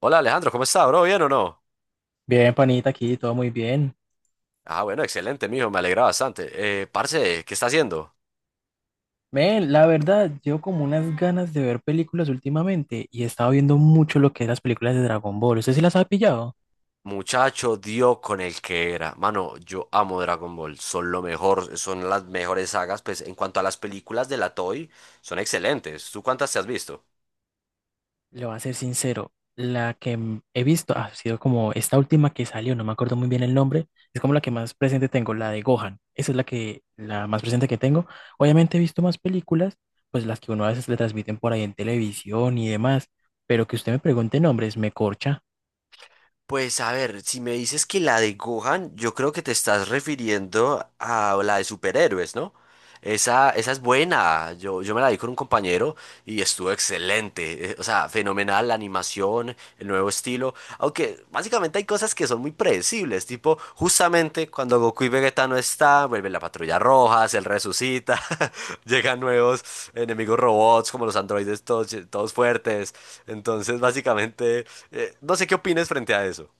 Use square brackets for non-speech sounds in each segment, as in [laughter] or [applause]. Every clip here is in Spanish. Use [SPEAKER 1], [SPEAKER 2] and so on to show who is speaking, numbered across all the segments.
[SPEAKER 1] Hola Alejandro, ¿cómo está, bro? ¿Bien o no?
[SPEAKER 2] Bien, panita, aquí todo muy bien.
[SPEAKER 1] Ah, bueno, excelente, mijo, me alegra bastante. Parce, ¿qué está haciendo?
[SPEAKER 2] Ven, la verdad, llevo como unas ganas de ver películas últimamente y he estado viendo mucho lo que es las películas de Dragon Ball. ¿Usted sí las ha pillado?
[SPEAKER 1] Muchacho, dio con el que era. Mano, yo amo Dragon Ball, son lo mejor, son las mejores sagas, pues en cuanto a las películas de la Toei, son excelentes. ¿Tú cuántas te has visto?
[SPEAKER 2] Le voy a ser sincero, la que he visto ha sido como esta última que salió, no me acuerdo muy bien el nombre, es como la que más presente tengo, la de Gohan. Esa es la que, la más presente que tengo. Obviamente he visto más películas, pues las que uno a veces le transmiten por ahí en televisión y demás, pero que usted me pregunte nombres, me corcha.
[SPEAKER 1] Pues a ver, si me dices que la de Gohan, yo creo que te estás refiriendo a la de superhéroes, ¿no? Esa es buena. Yo me la vi con un compañero y estuvo excelente. O sea, fenomenal la animación, el nuevo estilo. Aunque básicamente hay cosas que son muy predecibles. Tipo, justamente cuando Goku y Vegeta no están, vuelve la patrulla roja, se resucita, [laughs] llegan nuevos enemigos robots como los androides todos fuertes. Entonces, básicamente, no sé qué opines frente a eso.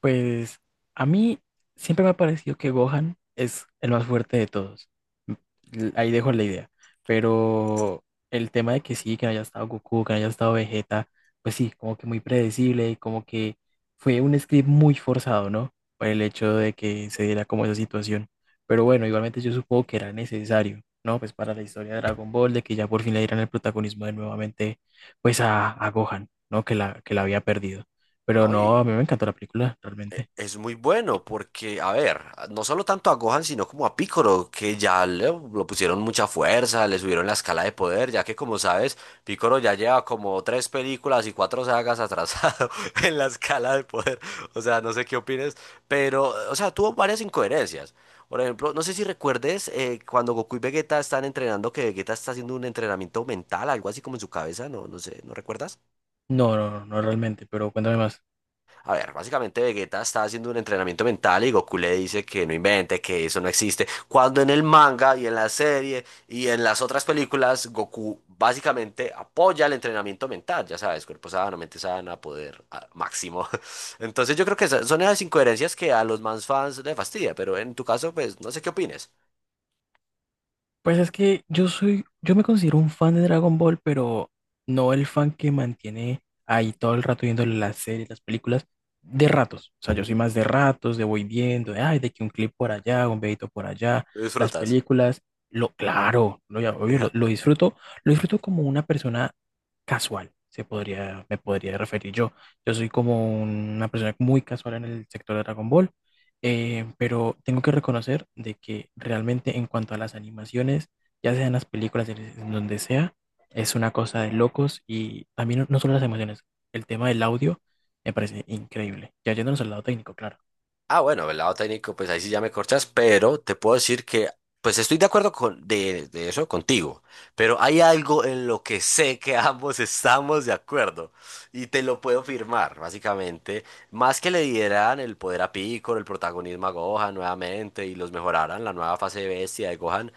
[SPEAKER 2] Pues a mí siempre me ha parecido que Gohan es el más fuerte de todos. M- Ahí dejo la idea. Pero el tema de que sí, que no haya estado Goku, que no haya estado Vegeta, pues sí, como que muy predecible y como que fue un script muy forzado, ¿no? Por el hecho de que se diera como esa situación. Pero bueno, igualmente yo supongo que era necesario, ¿no? Pues para la historia de Dragon Ball, de que ya por fin le dieran el protagonismo de nuevamente, pues a Gohan, ¿no? Que la había perdido. Pero
[SPEAKER 1] No,
[SPEAKER 2] no, a mí
[SPEAKER 1] y
[SPEAKER 2] me encantó la película, realmente.
[SPEAKER 1] es muy bueno porque, a ver, no solo tanto a Gohan, sino como a Piccolo, que ya lo pusieron mucha fuerza, le subieron la escala de poder, ya que como sabes, Piccolo ya lleva como tres películas y cuatro sagas atrasado [laughs] en la escala de poder. O sea, no sé qué opines, pero, o sea, tuvo varias incoherencias. Por ejemplo, no sé si recuerdes cuando Goku y Vegeta están entrenando, que Vegeta está haciendo un entrenamiento mental, algo así como en su cabeza, no, no sé, ¿no recuerdas?
[SPEAKER 2] No, no, no realmente, pero cuéntame más.
[SPEAKER 1] A ver, básicamente Vegeta está haciendo un entrenamiento mental y Goku le dice que no invente, que eso no existe. Cuando en el manga y en la serie y en las otras películas, Goku básicamente apoya el entrenamiento mental, ya sabes, cuerpo sano, mente sana, poder máximo. [laughs] Entonces yo creo que son esas incoherencias que a los más fans les fastidia, pero en tu caso, pues no sé qué opines.
[SPEAKER 2] Pues es que yo me considero un fan de Dragon Ball, pero no el fan que mantiene ahí todo el rato viendo las series, las películas, de ratos. O sea, yo soy más de ratos, de voy viendo, de, ay, de que un clip por allá, un videito por allá,
[SPEAKER 1] Lo
[SPEAKER 2] las
[SPEAKER 1] disfrutas.
[SPEAKER 2] películas, claro, obvio,
[SPEAKER 1] [laughs]
[SPEAKER 2] lo disfruto como una persona casual, se podría, me podría referir yo. Yo soy como una persona muy casual en el sector de Dragon Ball. Pero tengo que reconocer de que realmente en cuanto a las animaciones, ya sean las películas, en donde sea, es una cosa de locos y también no solo las emociones, el tema del audio me parece increíble. Ya yéndonos al lado técnico, claro.
[SPEAKER 1] Ah, bueno, del lado técnico, pues ahí sí ya me corchas, pero te puedo decir que, pues estoy de acuerdo con de eso contigo, pero hay algo en lo que sé que [laughs] ambos estamos de acuerdo y te lo puedo firmar, básicamente. Más que le dieran el poder a Piccolo, el protagonismo a Gohan nuevamente y los mejoraran la nueva fase de bestia de Gohan,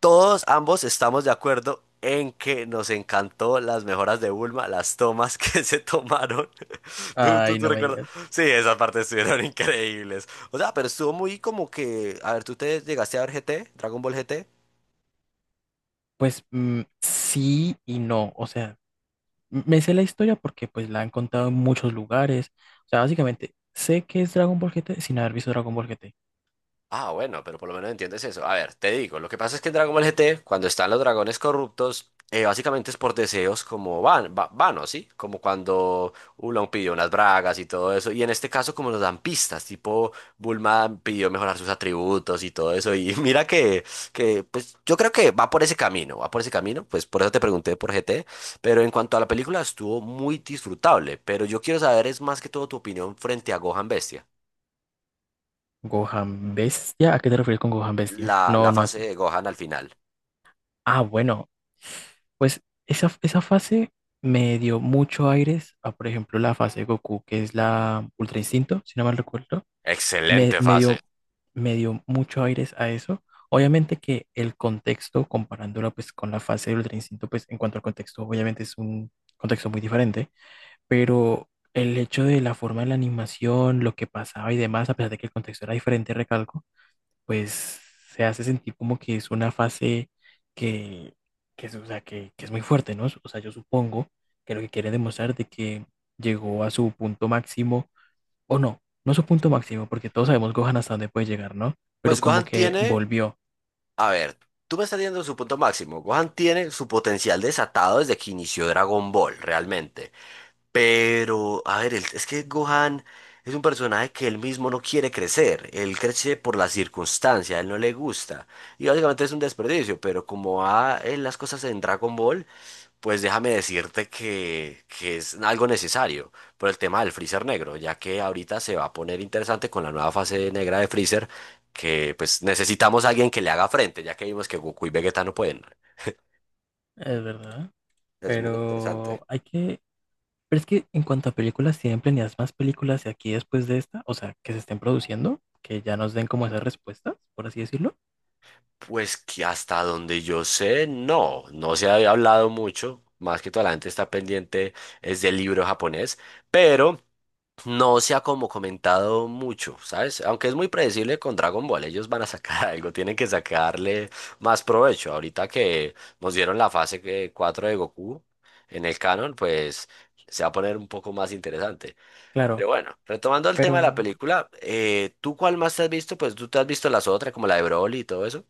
[SPEAKER 1] todos ambos estamos de acuerdo en que nos encantó las mejoras de Bulma, las tomas [laughs] que se tomaron. [laughs] ¿Tú, tú,
[SPEAKER 2] Ay,
[SPEAKER 1] tú
[SPEAKER 2] no me
[SPEAKER 1] recuerdas?
[SPEAKER 2] digas.
[SPEAKER 1] Sí, esas partes estuvieron [laughs] increíbles. O sea, pero estuvo muy como que, a ver, ¿tú te llegaste a ver GT, Dragon Ball GT?
[SPEAKER 2] Pues mm, sí y no, o sea, me sé la historia porque pues la han contado en muchos lugares. O sea, básicamente sé que es Dragon Ball GT sin haber visto Dragon Ball GT.
[SPEAKER 1] Ah, bueno, pero por lo menos entiendes eso. A ver, te digo, lo que pasa es que en Dragon Ball GT, cuando están los dragones corruptos, básicamente es por deseos como vanos, ¿sí? Como cuando Oolong pidió unas bragas y todo eso. Y en este caso, como nos dan pistas, tipo Bulma pidió mejorar sus atributos y todo eso. Y [laughs] mira pues yo creo que va por ese camino, va por ese camino. Pues por eso te pregunté por GT. Pero en cuanto a la película, estuvo muy disfrutable. Pero yo quiero saber, es más que todo tu opinión frente a Gohan Bestia,
[SPEAKER 2] Gohan Bestia, ¿a qué te refieres con Gohan Bestia?
[SPEAKER 1] la,
[SPEAKER 2] No,
[SPEAKER 1] la
[SPEAKER 2] no
[SPEAKER 1] fase
[SPEAKER 2] sé.
[SPEAKER 1] de Gohan al final.
[SPEAKER 2] Ah, bueno, pues esa fase me dio mucho aires a, por ejemplo, la fase de Goku, que es la Ultra Instinto, si no mal recuerdo. Me,
[SPEAKER 1] Excelente
[SPEAKER 2] me
[SPEAKER 1] fase.
[SPEAKER 2] dio, me dio mucho aires a eso. Obviamente que el contexto, comparándola pues con la fase de Ultra Instinto, pues en cuanto al contexto, obviamente es un contexto muy diferente, pero el hecho de la forma de la animación, lo que pasaba y demás, a pesar de que el contexto era diferente, recalco pues se hace sentir como que es una fase que, o sea, que es muy fuerte, ¿no? O sea, yo supongo que lo que quiere demostrar de que llegó a su punto máximo, o no su punto máximo, porque todos sabemos Gohan hasta dónde puede llegar, ¿no? Pero
[SPEAKER 1] Pues
[SPEAKER 2] como
[SPEAKER 1] Gohan
[SPEAKER 2] que
[SPEAKER 1] tiene,
[SPEAKER 2] volvió,
[SPEAKER 1] a ver, tú me estás diciendo su punto máximo. Gohan tiene su potencial desatado desde que inició Dragon Ball, realmente. Pero, a ver, es que Gohan es un personaje que él mismo no quiere crecer. Él crece por la circunstancia, a él no le gusta. Y básicamente es un desperdicio, pero como va en las cosas en Dragon Ball, pues déjame decirte que es algo necesario por el tema del freezer negro, ya que ahorita se va a poner interesante con la nueva fase negra de freezer, que pues necesitamos a alguien que le haga frente, ya que vimos que Goku y Vegeta no pueden.
[SPEAKER 2] es verdad.
[SPEAKER 1] Es muy interesante.
[SPEAKER 2] Pero hay que, pero es que en cuanto a películas, tienen planeadas más películas de aquí después de esta, o sea, que se estén produciendo, que ya nos den como esas respuestas, por así decirlo.
[SPEAKER 1] Pues que hasta donde yo sé, no, no se había hablado mucho, más que toda la gente está pendiente es del libro japonés, pero no se ha como comentado mucho, ¿sabes? Aunque es muy predecible con Dragon Ball, ellos van a sacar [laughs] algo, tienen que sacarle más provecho. Ahorita que nos dieron la 4 de Goku en el canon, pues se va a poner un poco más interesante. Pero
[SPEAKER 2] Claro,
[SPEAKER 1] bueno, retomando el
[SPEAKER 2] pero
[SPEAKER 1] tema de la película, ¿tú cuál más te has visto? Pues tú te has visto las otras, como la de Broly y todo eso.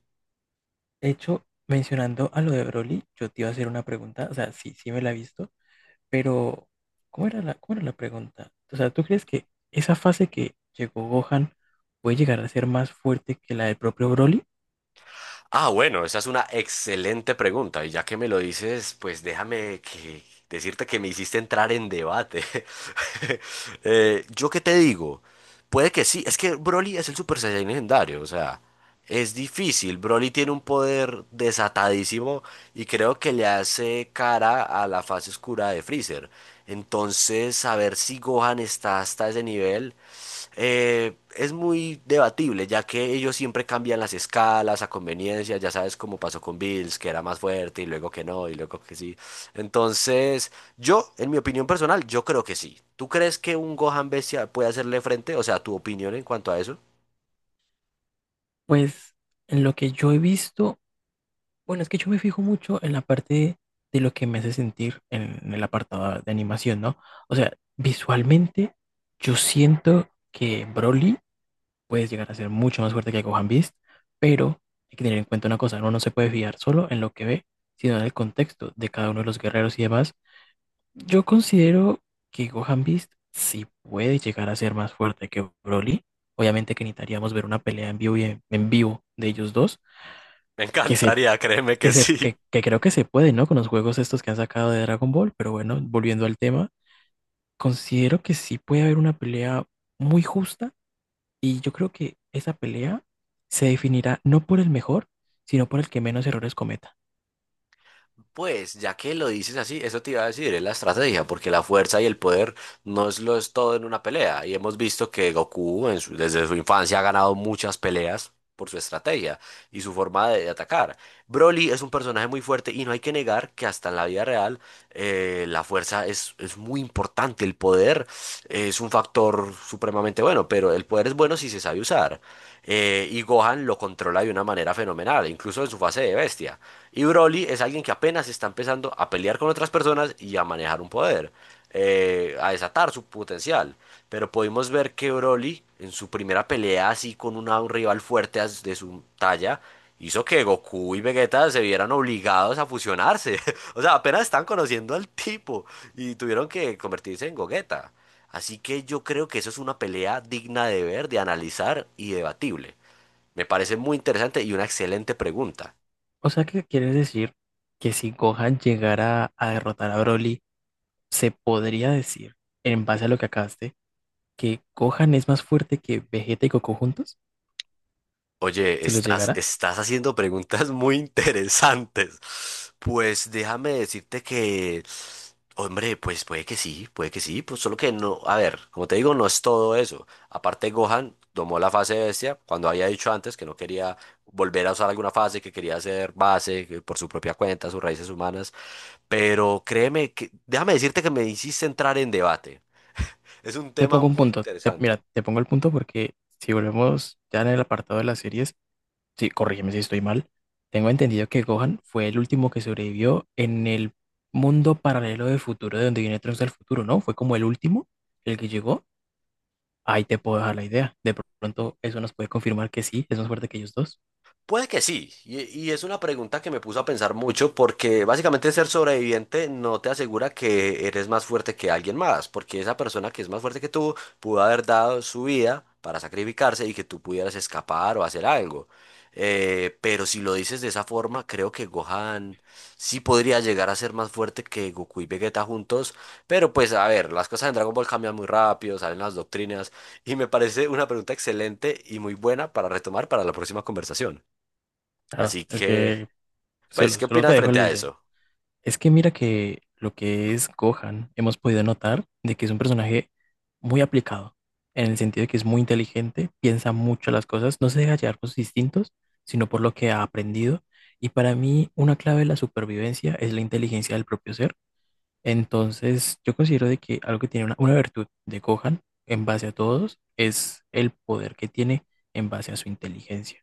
[SPEAKER 2] de hecho, mencionando a lo de Broly, yo te iba a hacer una pregunta, o sea, sí, sí me la he visto, pero cómo era la pregunta? O sea, ¿tú crees que esa fase que llegó Gohan puede llegar a ser más fuerte que la del propio Broly?
[SPEAKER 1] Ah, bueno, esa es una excelente pregunta. Y ya que me lo dices, pues déjame que decirte que me hiciste entrar en debate. [laughs] ¿Yo qué te digo? Puede que sí. Es que Broly es el Super Saiyan legendario. O sea, es difícil. Broly tiene un poder desatadísimo y creo que le hace cara a la fase oscura de Freezer. Entonces, saber si Gohan está hasta ese nivel. Es muy debatible, ya que ellos siempre cambian las escalas a conveniencia, ya sabes cómo pasó con Bills, que era más fuerte y luego que no, y luego que sí. Entonces, yo, en mi opinión personal, yo creo que sí. ¿Tú crees que un Gohan Bestia puede hacerle frente? O sea, tu opinión en cuanto a eso.
[SPEAKER 2] Pues en lo que yo he visto, bueno, es que yo me fijo mucho en la parte de lo que me hace sentir en el apartado de animación, ¿no? O sea, visualmente yo siento que Broly puedes llegar a ser mucho más fuerte que Gohan Beast, pero hay que tener en cuenta una cosa, uno no se puede fiar solo en lo que ve, sino en el contexto de cada uno de los guerreros y demás. Yo considero que Gohan Beast sí puede llegar a ser más fuerte que Broly. Obviamente que necesitaríamos ver una pelea en vivo y en vivo de ellos dos,
[SPEAKER 1] Me
[SPEAKER 2] que se
[SPEAKER 1] encantaría, créeme que sí.
[SPEAKER 2] que creo que se puede, ¿no? Con los juegos estos que han sacado de Dragon Ball, pero bueno, volviendo al tema, considero que sí puede haber una pelea muy justa y yo creo que esa pelea se definirá no por el mejor, sino por el que menos errores cometa.
[SPEAKER 1] Pues, ya que lo dices así, eso te iba a decir, es la estrategia, porque la fuerza y el poder no es lo es todo en una pelea. Y hemos visto que Goku en desde su infancia ha ganado muchas peleas por su estrategia y su forma de atacar. Broly es un personaje muy fuerte y no hay que negar que hasta en la vida real la fuerza es muy importante, el poder es un factor supremamente bueno, pero el poder es bueno si se sabe usar. Y Gohan lo controla de una manera fenomenal, incluso en su fase de bestia. Y Broly es alguien que apenas está empezando a pelear con otras personas y a manejar un poder a desatar su potencial. Pero pudimos ver que Broly, en su primera pelea así con un rival fuerte de su talla, hizo que Goku y Vegeta se vieran obligados a fusionarse. [laughs] O sea, apenas están conociendo al tipo y tuvieron que convertirse en Gogeta. Así que yo creo que eso es una pelea digna de ver, de analizar y debatible. Me parece muy interesante y una excelente pregunta.
[SPEAKER 2] O sea, que quieres decir que si Gohan llegara a derrotar a Broly, se podría decir, en base a lo que acabaste, que Gohan es más fuerte que Vegeta y Goku juntos,
[SPEAKER 1] Oye,
[SPEAKER 2] si los
[SPEAKER 1] estás,
[SPEAKER 2] llegara.
[SPEAKER 1] estás haciendo preguntas [laughs] muy interesantes. Pues déjame decirte que, hombre, pues puede que sí, pues solo que no, a ver, como te digo, no es todo eso. Aparte, Gohan tomó la fase bestia cuando había dicho antes que no quería volver a usar alguna fase, que quería hacer base que por su propia cuenta, sus raíces humanas. Pero créeme que, déjame decirte que me hiciste entrar en debate. Es un
[SPEAKER 2] Te
[SPEAKER 1] tema
[SPEAKER 2] pongo un
[SPEAKER 1] muy
[SPEAKER 2] punto.
[SPEAKER 1] interesante.
[SPEAKER 2] Mira, te pongo el punto porque si volvemos ya en el apartado de las series, sí, corrígeme si estoy mal, tengo entendido que Gohan fue el último que sobrevivió en el mundo paralelo del futuro, de donde viene Trunks del futuro, ¿no? Fue como el último, el que llegó. Ahí te puedo dejar la idea. De pronto eso nos puede confirmar que sí, es más fuerte que ellos dos.
[SPEAKER 1] Puede que sí, y es una pregunta que me puso a pensar mucho porque básicamente ser sobreviviente no te asegura que eres más fuerte que alguien más, porque esa persona que es más fuerte que tú pudo haber dado su vida para sacrificarse y que tú pudieras escapar o hacer algo. Pero si lo dices de esa forma, creo que Gohan sí podría llegar a ser más fuerte que Goku y Vegeta juntos, pero pues a ver, las cosas en Dragon Ball cambian muy rápido, salen las doctrinas y me parece una pregunta excelente y muy buena para retomar para la próxima conversación.
[SPEAKER 2] Claro,
[SPEAKER 1] Así
[SPEAKER 2] es
[SPEAKER 1] que,
[SPEAKER 2] que
[SPEAKER 1] pues, ¿qué
[SPEAKER 2] solo te
[SPEAKER 1] opinas
[SPEAKER 2] dejo
[SPEAKER 1] frente
[SPEAKER 2] la
[SPEAKER 1] a
[SPEAKER 2] idea.
[SPEAKER 1] eso?
[SPEAKER 2] Es que mira que lo que es Gohan, hemos podido notar de que es un personaje muy aplicado, en el sentido de que es muy inteligente, piensa mucho las cosas, no se deja llevar por sus instintos, sino por lo que ha aprendido. Y para mí, una clave de la supervivencia es la inteligencia del propio ser. Entonces, yo considero de que algo que tiene una virtud de Gohan en base a todos es el poder que tiene en base a su inteligencia.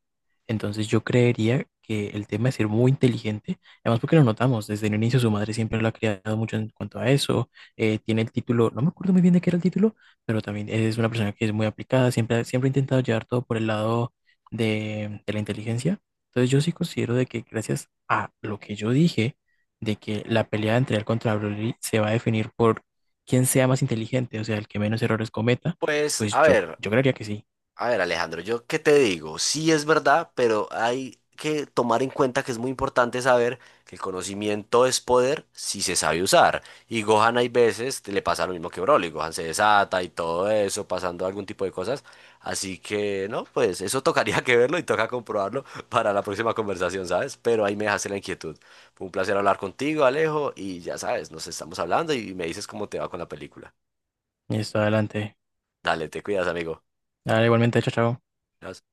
[SPEAKER 2] Entonces, yo creería que el tema de ser muy inteligente, además porque lo notamos desde el inicio, su madre siempre lo ha criado mucho en cuanto a eso, tiene el título, no me acuerdo muy bien de qué era el título, pero también es una persona que es muy aplicada, siempre, siempre ha intentado llevar todo por el lado de la inteligencia. Entonces, yo sí considero de que gracias a lo que yo dije, de que la pelea entre él contra Broly se va a definir por quién sea más inteligente, o sea, el que menos errores cometa,
[SPEAKER 1] Pues,
[SPEAKER 2] pues
[SPEAKER 1] a ver,
[SPEAKER 2] yo creería que sí.
[SPEAKER 1] a ver, Alejandro, yo qué te digo, sí es verdad, pero hay que tomar en cuenta que es muy importante saber que el conocimiento es poder si se sabe usar. Y Gohan hay veces le pasa lo mismo que Broly, Gohan se desata y todo eso, pasando algún tipo de cosas. Así que, no, pues eso [laughs] tocaría que verlo y toca comprobarlo [laughs] para la próxima conversación, ¿sabes? Pero ahí me dejaste la inquietud. Fue un placer hablar contigo, Alejo, y ya sabes, nos estamos hablando y me dices cómo te va con la película.
[SPEAKER 2] Listo, adelante.
[SPEAKER 1] Dale, te cuidas, amigo.
[SPEAKER 2] Dale, igualmente, chao, chao.
[SPEAKER 1] Nos-